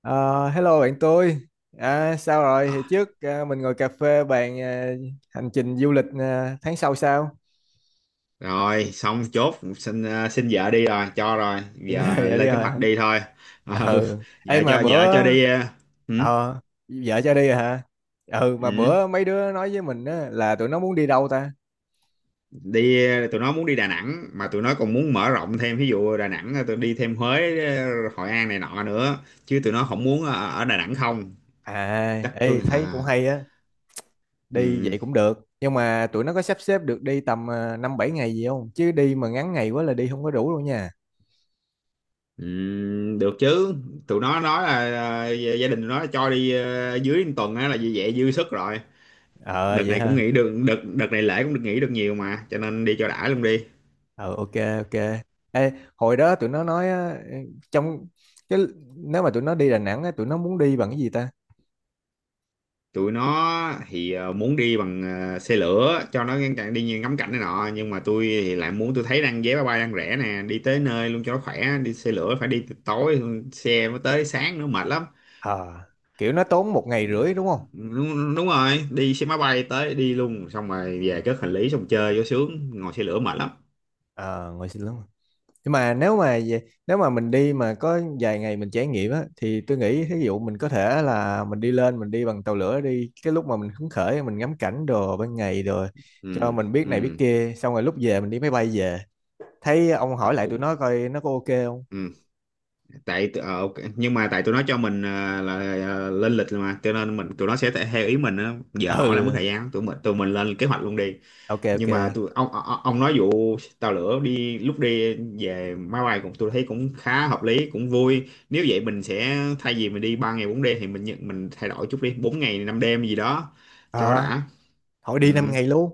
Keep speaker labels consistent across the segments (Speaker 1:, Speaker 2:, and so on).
Speaker 1: Ờ, Hello bạn tôi. À, sao rồi? Hồi
Speaker 2: À,
Speaker 1: trước à, mình ngồi cà phê bàn à, hành trình du lịch à, tháng sau sao?
Speaker 2: rồi xong chốt xin vợ đi rồi cho rồi giờ
Speaker 1: Vậy đi
Speaker 2: lên kế
Speaker 1: rồi.
Speaker 2: hoạch
Speaker 1: Hả?
Speaker 2: đi thôi.
Speaker 1: À,
Speaker 2: Ờ, ừ,
Speaker 1: ừ. Ê
Speaker 2: vợ
Speaker 1: mà
Speaker 2: cho
Speaker 1: bữa
Speaker 2: vợ cho đi ừ,
Speaker 1: ờ vợ cho đi rồi hả? Ừ mà
Speaker 2: ừ,
Speaker 1: bữa mấy đứa nói với mình á, là tụi nó muốn đi đâu ta?
Speaker 2: đi tụi nó muốn đi Đà Nẵng, mà tụi nó còn muốn mở rộng thêm, ví dụ Đà Nẵng tụi đi thêm Huế, Hội An này nọ nữa, chứ tụi nó không muốn ở Đà Nẵng không.
Speaker 1: À,
Speaker 2: Chắc
Speaker 1: ê
Speaker 2: tôi
Speaker 1: thấy
Speaker 2: à,
Speaker 1: cũng hay á, đi
Speaker 2: ừ,
Speaker 1: vậy cũng được. Nhưng mà tụi nó có sắp xếp được đi tầm à, năm bảy ngày gì không? Chứ đi mà ngắn ngày quá là đi không có đủ đâu nha.
Speaker 2: ừ, được chứ. Tụi nó nói là gia gia đình tụi nó cho đi dưới một tuần á là như vậy dư sức rồi.
Speaker 1: Ờ
Speaker 2: Đợt
Speaker 1: vậy
Speaker 2: này cũng
Speaker 1: hả?
Speaker 2: nghỉ được, đợt đợt này lễ cũng được nghỉ được nhiều mà, cho nên đi cho đã luôn đi.
Speaker 1: Ừ, ok, ok. Ê, hồi đó tụi nó nói á, trong cái nếu mà tụi nó đi Đà Nẵng á, tụi nó muốn đi bằng cái gì ta?
Speaker 2: Tụi nó thì muốn đi bằng xe lửa cho nó ngăn chặn, đi ngắm cảnh này nọ, nhưng mà tôi thì lại muốn, tôi thấy đang vé máy bay đang rẻ nè, đi tới nơi luôn cho nó khỏe. Đi xe lửa phải đi từ tối, xe mới tới sáng, nữa mệt lắm.
Speaker 1: Ờ, kiểu nó tốn một ngày rưỡi đúng không?
Speaker 2: Đúng, đúng rồi, đi xe máy bay tới đi luôn, xong rồi
Speaker 1: Ừ.
Speaker 2: về cất hành lý, xong chơi vô sướng. Ngồi xe lửa mệt lắm.
Speaker 1: ờ Ngồi xin lắm, nhưng mà nếu mà nếu mà mình đi mà có vài ngày mình trải nghiệm á thì tôi nghĩ ví dụ mình có thể là mình đi lên, mình đi bằng tàu lửa đi, cái lúc mà mình hứng khởi mình ngắm cảnh đồ ban ngày rồi cho
Speaker 2: Ừ,
Speaker 1: mình biết này biết
Speaker 2: ừ,
Speaker 1: kia, xong rồi lúc về mình đi máy bay về. Thấy ông hỏi lại
Speaker 2: cũng
Speaker 1: tụi nó coi nó có ok không.
Speaker 2: ừ. Tại ok. Nhưng mà tại tụi nó cho mình là lên lịch rồi mà, cho nên mình tụi nó sẽ theo ý mình á. Giờ hỏi là mất
Speaker 1: Ừ,
Speaker 2: thời gian, tụi mình lên kế hoạch luôn đi.
Speaker 1: ok, ok.
Speaker 2: Nhưng mà tụi ông nói vụ tàu lửa đi, lúc đi về máy bay, cũng tôi thấy cũng khá hợp lý cũng vui. Nếu vậy mình sẽ, thay vì mình đi 3 ngày 4 đêm thì mình mình thay đổi chút đi 4 ngày 5 đêm gì đó cho
Speaker 1: Ờ.
Speaker 2: đã.
Speaker 1: Thôi đi 5
Speaker 2: Ừ,
Speaker 1: ngày luôn.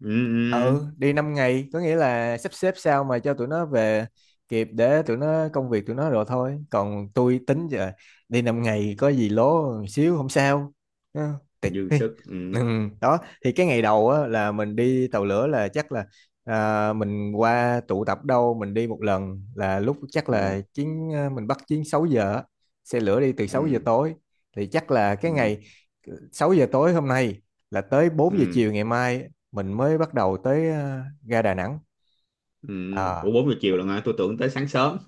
Speaker 2: ừ, ừ, ừ.
Speaker 1: Ừ, đi 5 ngày, có nghĩa là sắp xếp sao mà cho tụi nó về kịp để tụi nó công việc tụi nó rồi thôi. Còn tôi tính giờ đi 5 ngày có gì lố một xíu không sao. Ừ, tiệt
Speaker 2: Dư
Speaker 1: đi.
Speaker 2: sức. Ừ,
Speaker 1: Ừ, đó, thì cái ngày đầu á, là mình đi tàu lửa là chắc là à, mình qua tụ tập đâu mình đi một lần là lúc chắc
Speaker 2: ừ,
Speaker 1: là chuyến à, mình bắt chuyến 6 giờ á. Xe lửa đi từ sáu giờ
Speaker 2: ừ,
Speaker 1: tối thì chắc là cái
Speaker 2: ừ,
Speaker 1: ngày 6 giờ tối hôm nay là tới bốn giờ
Speaker 2: ừ,
Speaker 1: chiều ngày mai mình mới bắt đầu tới ga Đà Nẵng.
Speaker 2: ừ.
Speaker 1: À,
Speaker 2: Ủa, 4 giờ chiều là hả? Tôi tưởng tới sáng sớm.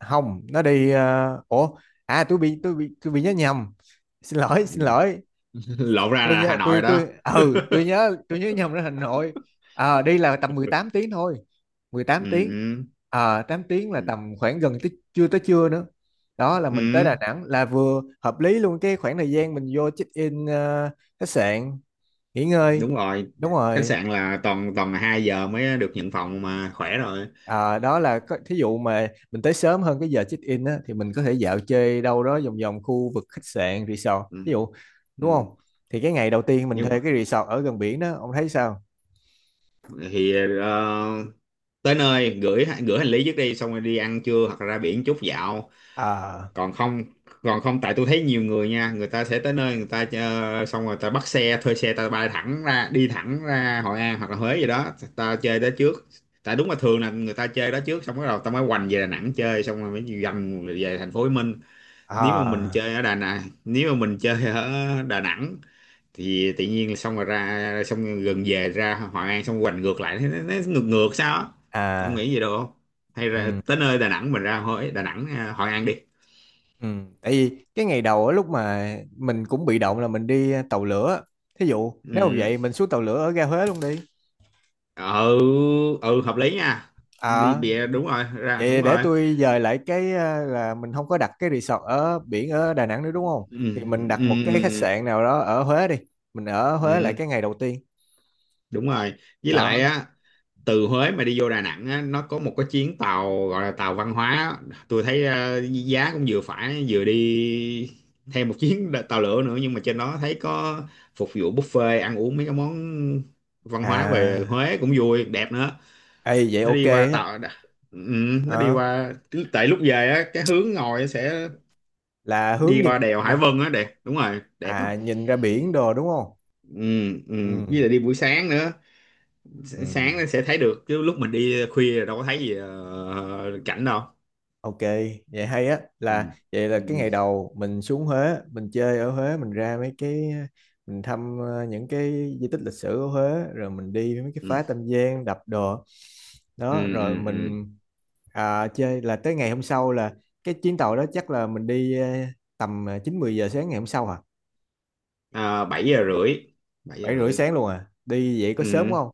Speaker 1: không nó đi ủa, à tôi bị nhớ nhầm, xin lỗi xin
Speaker 2: Ừ.
Speaker 1: lỗi.
Speaker 2: Lộn ra
Speaker 1: tôi
Speaker 2: là Hà
Speaker 1: nhớ
Speaker 2: Nội rồi
Speaker 1: tôi
Speaker 2: đó.
Speaker 1: tôi ừ tôi nhớ tôi nhớ nhầm ra Hà Nội. À, đi là tầm 18 tiếng thôi, 18 tiếng.
Speaker 2: Ừ,
Speaker 1: À, 8 tiếng là
Speaker 2: ừ,
Speaker 1: tầm khoảng gần tới, chưa tới trưa nữa.
Speaker 2: ừ,
Speaker 1: Đó là mình tới
Speaker 2: ừ,
Speaker 1: Đà Nẵng là vừa hợp lý luôn, cái khoảng thời gian mình vô check in khách sạn nghỉ ngơi.
Speaker 2: đúng rồi.
Speaker 1: Đúng
Speaker 2: Khách
Speaker 1: rồi.
Speaker 2: sạn là toàn toàn là 2 giờ mới được nhận phòng, mà khỏe rồi.
Speaker 1: Ờ, đó là có, thí dụ mà mình tới sớm hơn cái giờ check-in á, thì mình có thể dạo chơi đâu đó vòng vòng khu vực khách sạn, resort,
Speaker 2: Ừ,
Speaker 1: thí dụ. Đúng
Speaker 2: ừ.
Speaker 1: không? Thì cái ngày đầu tiên mình
Speaker 2: nhưng mà-
Speaker 1: thuê cái resort ở gần biển đó, ông thấy sao?
Speaker 2: thì ờ, tới nơi gửi gửi hành lý trước, đi xong rồi đi ăn trưa hoặc là ra biển chút dạo.
Speaker 1: À,
Speaker 2: Còn không còn không tại tôi thấy nhiều người nha, người ta sẽ tới nơi, người ta xong rồi ta bắt xe thuê xe, ta bay thẳng ra, đi thẳng ra Hội An hoặc là Huế gì đó, ta chơi đó trước. Tại đúng là thường là người ta chơi đó trước, xong bắt đầu ta mới hoành về Đà Nẵng chơi, xong rồi mới dần về thành phố Hồ Chí Minh. Nếu mà mình
Speaker 1: à,
Speaker 2: chơi ở Đà Nẵng nếu mà mình chơi ở Đà Nẵng thì tự nhiên là xong rồi ra, xong rồi gần về ra Hội An, xong hoành ngược lại, nó ngược ngược sao á. Ông
Speaker 1: à,
Speaker 2: nghĩ gì được không? Hay là
Speaker 1: ừ,
Speaker 2: tới nơi Đà Nẵng mình ra Huế, Đà Nẵng, Hội An đi.
Speaker 1: ừ. Tại vì cái ngày đầu á, lúc mà mình cũng bị động là mình đi tàu lửa. Thí dụ nếu mà
Speaker 2: Ừ.
Speaker 1: vậy mình xuống tàu lửa ở ga Huế luôn đi.
Speaker 2: Ừ, ừ, hợp lý nha. Đi
Speaker 1: À,
Speaker 2: bịa đúng rồi, ra
Speaker 1: vậy
Speaker 2: đúng
Speaker 1: để
Speaker 2: rồi.
Speaker 1: tôi dời lại cái là mình không có đặt cái resort ở biển ở Đà Nẵng nữa đúng không?
Speaker 2: Ừ,
Speaker 1: Thì mình đặt một
Speaker 2: ừ,
Speaker 1: cái
Speaker 2: ừ,
Speaker 1: khách
Speaker 2: ừ,
Speaker 1: sạn nào đó ở Huế đi. Mình ở Huế lại
Speaker 2: ừ,
Speaker 1: cái ngày đầu tiên.
Speaker 2: đúng rồi. Với
Speaker 1: Đó.
Speaker 2: lại á, từ Huế mà đi vô Đà Nẵng á, nó có một cái chuyến tàu gọi là tàu văn hóa á. Tôi thấy giá cũng vừa phải, vừa đi thêm một chuyến tàu lửa nữa, nhưng mà trên đó thấy có phục vụ buffet ăn uống mấy cái món văn hóa về
Speaker 1: À,
Speaker 2: Huế, cũng vui đẹp nữa.
Speaker 1: ê vậy
Speaker 2: Nó
Speaker 1: ok
Speaker 2: đi qua
Speaker 1: á.
Speaker 2: tàu Ừ, nó đi
Speaker 1: Ờ,
Speaker 2: qua, tại lúc về á cái hướng ngồi sẽ
Speaker 1: là hướng
Speaker 2: đi
Speaker 1: nhìn,
Speaker 2: qua đèo Hải Vân á đẹp. Đúng rồi, đẹp lắm.
Speaker 1: à nhìn ra biển đồ đúng không?
Speaker 2: Ừ, ừ.
Speaker 1: Ừ.
Speaker 2: Với lại đi buổi sáng nữa.
Speaker 1: Ừ.
Speaker 2: Sáng nó sẽ thấy được, chứ lúc mình đi khuya là đâu có thấy gì cảnh đâu.
Speaker 1: Ok, vậy hay á,
Speaker 2: Ừ.
Speaker 1: là vậy là
Speaker 2: Ừ.
Speaker 1: cái
Speaker 2: Ừ.
Speaker 1: ngày đầu mình xuống Huế, mình chơi ở Huế, mình ra mấy cái, mình thăm những cái di tích lịch sử ở Huế, rồi mình đi mấy cái
Speaker 2: Ừ.
Speaker 1: phá Tam Giang, đập đồ.
Speaker 2: Ừ.
Speaker 1: Đó, rồi
Speaker 2: Ừ. Ừ.
Speaker 1: mình à, chơi là tới ngày hôm sau là cái chuyến tàu đó chắc là mình đi tầm 9 10 giờ sáng ngày hôm sau hả?
Speaker 2: À, 7 giờ rưỡi, 7 giờ
Speaker 1: 7 rưỡi
Speaker 2: rưỡi.
Speaker 1: sáng luôn à. Đi vậy có sớm
Speaker 2: Ừ.
Speaker 1: không?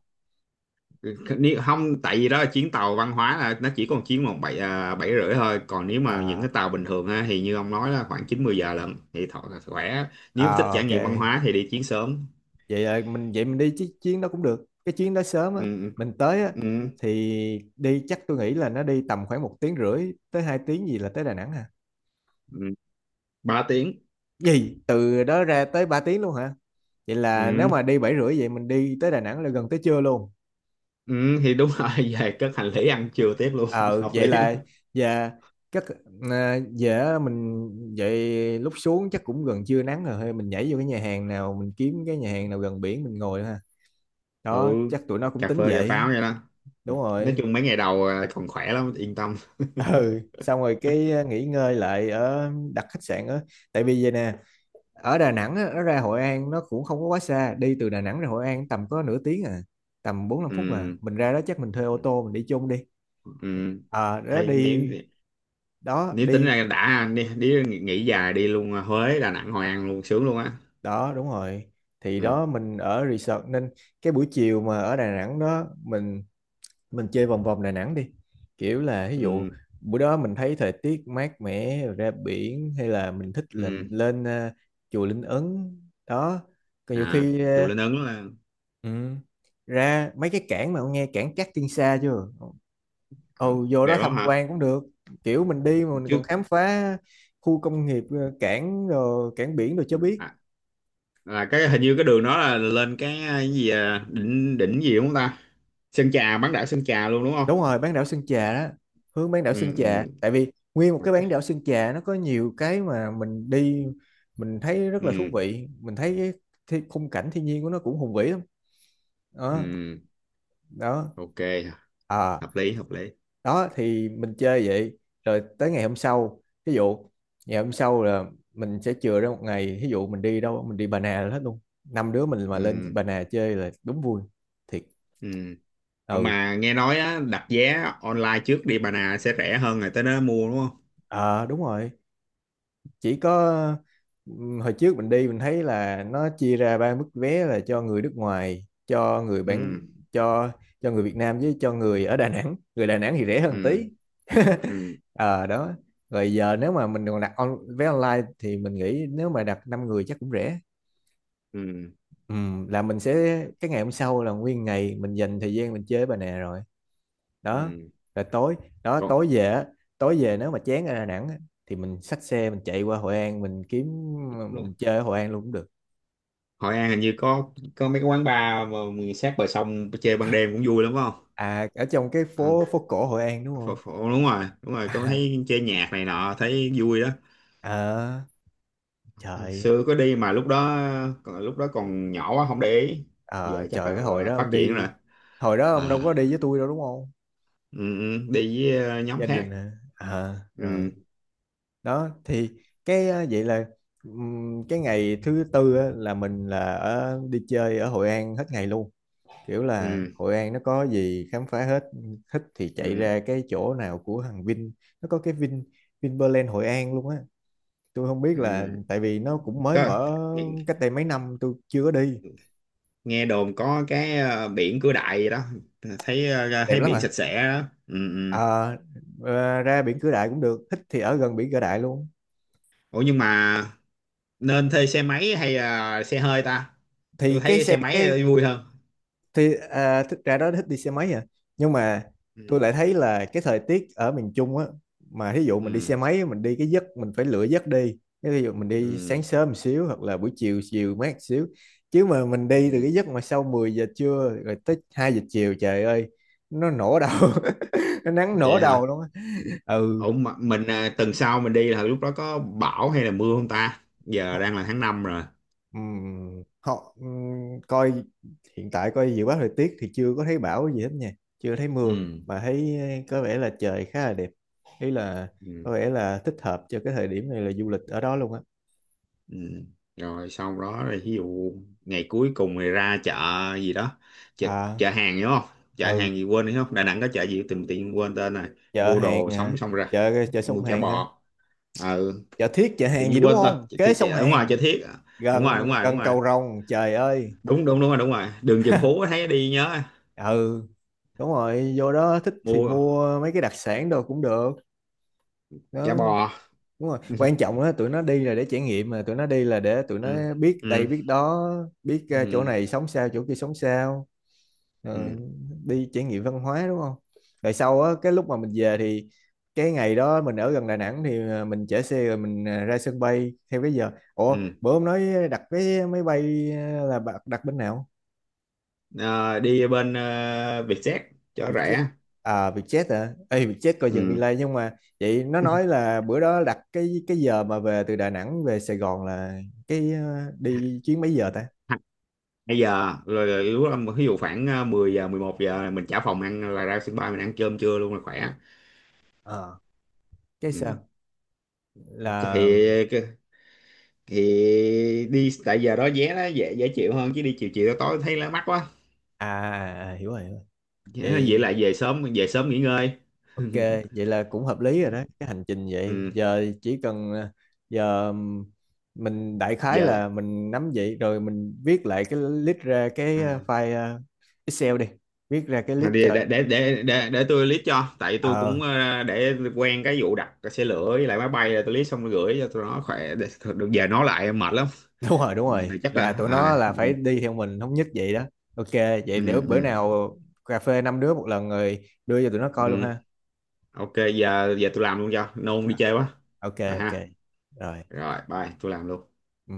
Speaker 2: Không, tại vì đó là chuyến tàu văn hóa là nó chỉ còn chuyến bảy à, bảy rưỡi thôi. Còn nếu mà những
Speaker 1: À,
Speaker 2: cái tàu bình thường ha, thì như ông nói là khoảng chín mười giờ lận thì thọ là khỏe. Nếu thích
Speaker 1: à,
Speaker 2: trải
Speaker 1: ok.
Speaker 2: nghiệm văn hóa thì đi chuyến sớm.
Speaker 1: Vậy là mình, vậy mình đi chiếc chuyến đó cũng được, cái chuyến đó sớm
Speaker 2: Ừ.
Speaker 1: á, mình tới á
Speaker 2: Ừ. Ừ.
Speaker 1: thì đi, chắc tôi nghĩ là nó đi tầm khoảng một tiếng rưỡi tới hai tiếng gì là tới Đà Nẵng hả?
Speaker 2: Ừ, 3 tiếng.
Speaker 1: Gì từ đó ra tới 3 tiếng luôn hả? Vậy là nếu
Speaker 2: Ừ,
Speaker 1: mà đi bảy rưỡi vậy mình đi tới Đà Nẵng là gần tới trưa luôn.
Speaker 2: Ừ, thì đúng rồi. Về cất hành lý, ăn trưa tiếp luôn.
Speaker 1: Ờ
Speaker 2: Hợp
Speaker 1: Vậy
Speaker 2: lý
Speaker 1: là
Speaker 2: luôn.
Speaker 1: và các à, về mình, vậy lúc xuống chắc cũng gần trưa nắng rồi thôi mình nhảy vô cái nhà hàng nào, mình kiếm cái nhà hàng nào gần biển mình ngồi ha.
Speaker 2: Ừ,
Speaker 1: Đó chắc tụi nó cũng
Speaker 2: cà
Speaker 1: tính
Speaker 2: phê cà
Speaker 1: vậy.
Speaker 2: pháo vậy đó.
Speaker 1: Đúng
Speaker 2: Nói
Speaker 1: rồi.
Speaker 2: chung mấy ngày đầu à, còn khỏe lắm yên tâm.
Speaker 1: Ừ, xong rồi cái nghỉ ngơi lại ở đặt khách sạn á. Tại vì vậy nè, ở Đà Nẵng á, nó ra Hội An nó cũng không có quá xa, đi từ Đà Nẵng ra Hội An tầm có nửa tiếng à, tầm bốn năm phút, mà
Speaker 2: Ừ,
Speaker 1: mình ra đó chắc mình thuê ô tô mình đi chung đi.
Speaker 2: ừ.
Speaker 1: Ờ đó
Speaker 2: Hay,
Speaker 1: đi,
Speaker 2: nếu
Speaker 1: đó
Speaker 2: nếu tính
Speaker 1: đi,
Speaker 2: ra đã đi nghỉ dài đi luôn à, Huế Đà Nẵng Hội An luôn sướng luôn á.
Speaker 1: đó đúng rồi. Thì
Speaker 2: Ừ,
Speaker 1: đó mình ở resort nên cái buổi chiều mà ở Đà Nẵng đó mình chơi vòng vòng Đà Nẵng đi, kiểu là ví dụ
Speaker 2: ừ,
Speaker 1: bữa đó mình thấy thời tiết mát mẻ rồi ra biển, hay là mình thích là mình
Speaker 2: ừ.
Speaker 1: lên chùa Linh Ấn. Đó, còn nhiều
Speaker 2: À,
Speaker 1: khi
Speaker 2: chùa Linh Ứng là
Speaker 1: ừ, ra mấy cái cảng, mà ông nghe cảng Cát Tiên Sa chưa?
Speaker 2: à,
Speaker 1: Ừ, vô đó
Speaker 2: đẹp lắm
Speaker 1: tham
Speaker 2: hả.
Speaker 1: quan cũng được, kiểu mình đi mà mình còn
Speaker 2: Trước
Speaker 1: khám phá khu công nghiệp cảng rồi cảng biển rồi cho biết.
Speaker 2: à, là cái hình như cái đường đó là lên cái à, cái gì à, đỉnh đỉnh gì đúng không ta? Sơn Trà, bán đảo Sơn Trà luôn đúng không?
Speaker 1: Đúng rồi bán đảo Sơn Trà đó, hướng bán đảo
Speaker 2: Ừ,
Speaker 1: Sơn Trà,
Speaker 2: ừ.
Speaker 1: tại vì nguyên một cái
Speaker 2: Ok.
Speaker 1: bán đảo Sơn Trà nó có nhiều cái mà mình đi mình thấy rất là thú
Speaker 2: Ừ,
Speaker 1: vị. Mình thấy cái khung cảnh thiên nhiên của nó cũng hùng vĩ lắm. Đó.
Speaker 2: ừ,
Speaker 1: Đó.
Speaker 2: ok,
Speaker 1: À.
Speaker 2: hợp lý hợp lý.
Speaker 1: Đó thì mình chơi vậy, rồi tới ngày hôm sau ví dụ, ngày hôm sau là mình sẽ chừa ra một ngày, ví dụ mình đi đâu mình đi Bà Nà là hết luôn, năm đứa mình mà
Speaker 2: Ừ,
Speaker 1: lên Bà Nà chơi là đúng vui thiệt.
Speaker 2: ừ. Ờ,
Speaker 1: Ừ.
Speaker 2: mà nghe nói á, đặt vé online trước đi Bà Nà sẽ rẻ hơn rồi tới đó mua đúng không?
Speaker 1: À, đúng rồi. Chỉ có hồi trước mình đi, mình thấy là nó chia ra ba mức vé, là cho người nước ngoài, cho người bản,
Speaker 2: Ừ,
Speaker 1: cho người Việt Nam, với cho người ở Đà Nẵng. Người Đà Nẵng thì rẻ hơn
Speaker 2: ừ,
Speaker 1: tí.
Speaker 2: ừ,
Speaker 1: Ờ đó, rồi giờ nếu mà mình còn đặt on, vé online thì mình nghĩ nếu mà đặt 5 người chắc cũng rẻ.
Speaker 2: ừ,
Speaker 1: Ừ, là mình sẽ, cái ngày hôm sau là nguyên ngày mình dành thời gian mình chơi với bà nè rồi. Đó
Speaker 2: ừ,
Speaker 1: là tối, đó
Speaker 2: còn.
Speaker 1: tối về á, tối về nếu mà chán ở Đà Nẵng á, thì mình xách xe mình chạy qua Hội An mình kiếm,
Speaker 2: Đúng.
Speaker 1: mình chơi ở Hội An luôn cũng được.
Speaker 2: Hội An hình như có mấy cái quán bar mà sát bờ sông chơi ban đêm cũng vui lắm phải không?
Speaker 1: À, ở trong cái
Speaker 2: Ừ,
Speaker 1: phố, phố cổ Hội An đúng
Speaker 2: phổ,
Speaker 1: không?
Speaker 2: phổ, đúng rồi, đúng rồi, có
Speaker 1: À,
Speaker 2: thấy chơi nhạc này nọ thấy vui đó.
Speaker 1: ờ,
Speaker 2: Hồi
Speaker 1: trời,
Speaker 2: xưa có đi mà lúc đó còn nhỏ quá không để ý.
Speaker 1: ờ,
Speaker 2: Giờ chắc
Speaker 1: trời, cái hồi
Speaker 2: là
Speaker 1: đó
Speaker 2: phát
Speaker 1: ông
Speaker 2: triển rồi.
Speaker 1: đi, hồi đó ông đâu
Speaker 2: À,
Speaker 1: có đi với tôi đâu đúng không?
Speaker 2: ừ, ừ, đi với nhóm
Speaker 1: Gia đình
Speaker 2: khác.
Speaker 1: hả? À, rồi.
Speaker 2: Ừ,
Speaker 1: Đó thì cái vậy là cái ngày thứ tư á, là mình là ở đi chơi ở Hội An hết ngày luôn. Kiểu là
Speaker 2: ừ,
Speaker 1: Hội An nó có gì khám phá hết, thích thì chạy
Speaker 2: ừ,
Speaker 1: ra cái chỗ nào của thằng Vin, nó có cái Vin, Vinpearl Hội An luôn á. Tôi không biết là
Speaker 2: ừ.
Speaker 1: tại vì nó cũng mới
Speaker 2: Có,
Speaker 1: mở
Speaker 2: nghe,
Speaker 1: cách đây mấy năm tôi chưa có đi.
Speaker 2: nghe đồn có cái biển Cửa Đại gì đó thấy
Speaker 1: Đẹp
Speaker 2: thấy
Speaker 1: lắm
Speaker 2: biển
Speaker 1: à.
Speaker 2: sạch sẽ đó. Ừ, ừ.
Speaker 1: Ờ, ờ, ra biển Cửa Đại cũng được, thích thì ở gần biển Cửa Đại luôn.
Speaker 2: Ủa nhưng mà nên thuê xe máy hay là xe hơi ta? Tôi
Speaker 1: Thì cái
Speaker 2: thấy
Speaker 1: xe,
Speaker 2: xe máy
Speaker 1: cái
Speaker 2: vui hơn.
Speaker 1: thì à, thích ra đó thích đi xe máy à, nhưng mà
Speaker 2: Ừ,
Speaker 1: tôi lại thấy là cái thời tiết ở miền Trung á, mà thí dụ mình đi
Speaker 2: ừ,
Speaker 1: xe máy mình đi cái giấc mình phải lựa giấc đi, cái ví dụ mình đi
Speaker 2: ừ,
Speaker 1: sáng sớm một xíu hoặc là buổi chiều chiều mát xíu, chứ mà mình đi từ
Speaker 2: ừ.
Speaker 1: cái giấc mà sau 10 giờ trưa rồi tới 2 giờ chiều, trời ơi nó nổ đầu. Nó nắng
Speaker 2: Vậy
Speaker 1: nổ đầu
Speaker 2: hả?
Speaker 1: luôn á. Ừ.
Speaker 2: Ủa mà mình à, tuần sau mình đi là lúc đó có bão hay là mưa không ta? Giờ đang là tháng 5 rồi.
Speaker 1: Họ coi hiện tại coi dự báo thời tiết thì chưa có thấy bão gì hết nha, chưa thấy mưa.
Speaker 2: Ừ.
Speaker 1: Mà thấy có vẻ là trời khá là đẹp. Ý là
Speaker 2: Ừ.
Speaker 1: có vẻ là thích hợp cho cái thời điểm này là du lịch ở đó luôn á.
Speaker 2: Ừ. Rồi sau đó rồi, ví dụ ngày cuối cùng thì ra chợ gì đó, chợ,
Speaker 1: À,
Speaker 2: chợ hàng đúng không? Chợ
Speaker 1: ừ,
Speaker 2: hàng gì quên đúng không? Đà Nẵng có chợ gì tìm tiện quên tên này.
Speaker 1: chợ
Speaker 2: Mua
Speaker 1: hàng
Speaker 2: đồ
Speaker 1: à,
Speaker 2: sống xong ra
Speaker 1: chợ chợ sông
Speaker 2: mua chả
Speaker 1: Hàn ha,
Speaker 2: bò. Ừ,
Speaker 1: chợ Thiết chợ
Speaker 2: tự
Speaker 1: Hàn gì
Speaker 2: nhiên
Speaker 1: đúng
Speaker 2: quên tên
Speaker 1: không,
Speaker 2: chợ,
Speaker 1: kế
Speaker 2: Thi-
Speaker 1: sông
Speaker 2: chợ, đúng rồi,
Speaker 1: Hàn,
Speaker 2: chợ Thiết à. Đúng rồi,
Speaker 1: gần
Speaker 2: đúng rồi, đúng
Speaker 1: gần
Speaker 2: rồi,
Speaker 1: cầu Rồng, trời ơi.
Speaker 2: đúng, đúng, đúng rồi, đúng rồi, đường Trần Phú thấy đi nhớ.
Speaker 1: Ừ, đúng rồi vô đó thích thì
Speaker 2: Mua
Speaker 1: mua mấy cái đặc sản đồ cũng được.
Speaker 2: chả
Speaker 1: Đó
Speaker 2: bò.
Speaker 1: đúng rồi, quan trọng á tụi nó đi là để trải nghiệm, mà tụi nó đi là để tụi
Speaker 2: Ừ,
Speaker 1: nó biết đây
Speaker 2: ừ,
Speaker 1: biết đó, biết chỗ
Speaker 2: ừ,
Speaker 1: này sống sao chỗ kia sống sao. Ờ,
Speaker 2: ừ,
Speaker 1: đi trải nghiệm văn hóa đúng không. Rồi sau á cái lúc mà mình về thì cái ngày đó mình ở gần Đà Nẵng thì mình chở xe rồi mình ra sân bay theo cái giờ, ủa
Speaker 2: ừ.
Speaker 1: bữa ông nói đặt vé máy bay là bạn đặt bên nào?
Speaker 2: Ờ, đi bên Vietjet cho
Speaker 1: Bị chết,
Speaker 2: rẻ.
Speaker 1: à bị chết hả, ê bị chết coi dừng
Speaker 2: Ừ.
Speaker 1: delay. Nhưng mà vậy nó nói là bữa đó đặt cái giờ mà về từ Đà Nẵng về Sài Gòn là cái đi chuyến mấy giờ ta?
Speaker 2: Bây giờ rồi lúc đó ví dụ khoảng 10 giờ 11 giờ là mình trả phòng, ăn là ra sân bay mình ăn cơm trưa luôn là khỏe.
Speaker 1: Ờ, cái
Speaker 2: Ừ.
Speaker 1: sao là
Speaker 2: thì thì đi tại giờ đó vé nó dễ dễ chịu hơn, chứ đi chiều chiều tối thấy nó mắc quá.
Speaker 1: à, à, à, hiểu rồi hiểu rồi.
Speaker 2: Vậy
Speaker 1: Vậy
Speaker 2: là về sớm, về sớm nghỉ ngơi.
Speaker 1: ok, vậy là cũng hợp lý rồi đó cái hành trình vậy,
Speaker 2: Ừ.
Speaker 1: giờ chỉ cần giờ mình đại khái
Speaker 2: Giờ
Speaker 1: là mình nắm vậy rồi, mình viết lại cái list ra cái
Speaker 2: à,
Speaker 1: file Excel đi, viết ra cái
Speaker 2: thôi
Speaker 1: list cho.
Speaker 2: để tôi list cho, tại tôi
Speaker 1: Ờ
Speaker 2: cũng để quen cái vụ đặt xe lửa với lại máy bay, là tôi list xong rồi gửi cho tụi nó khỏe. Được, giờ nói lại mệt lắm.
Speaker 1: đúng rồi đúng
Speaker 2: Giờ
Speaker 1: rồi,
Speaker 2: chắc là
Speaker 1: là tụi nó
Speaker 2: à,
Speaker 1: là
Speaker 2: ừ,
Speaker 1: phải đi theo mình thống nhất vậy đó. Ok vậy
Speaker 2: ừ,
Speaker 1: để bữa
Speaker 2: ừ.
Speaker 1: nào cà phê năm đứa một lần rồi đưa cho tụi nó coi luôn
Speaker 2: Ừ.
Speaker 1: ha.
Speaker 2: Ok, giờ giờ tôi làm luôn cho nôn đi
Speaker 1: À,
Speaker 2: chơi quá.
Speaker 1: ok
Speaker 2: Rồi
Speaker 1: ok,
Speaker 2: ha.
Speaker 1: rồi.
Speaker 2: Rồi bye, tôi làm luôn.
Speaker 1: Ừ.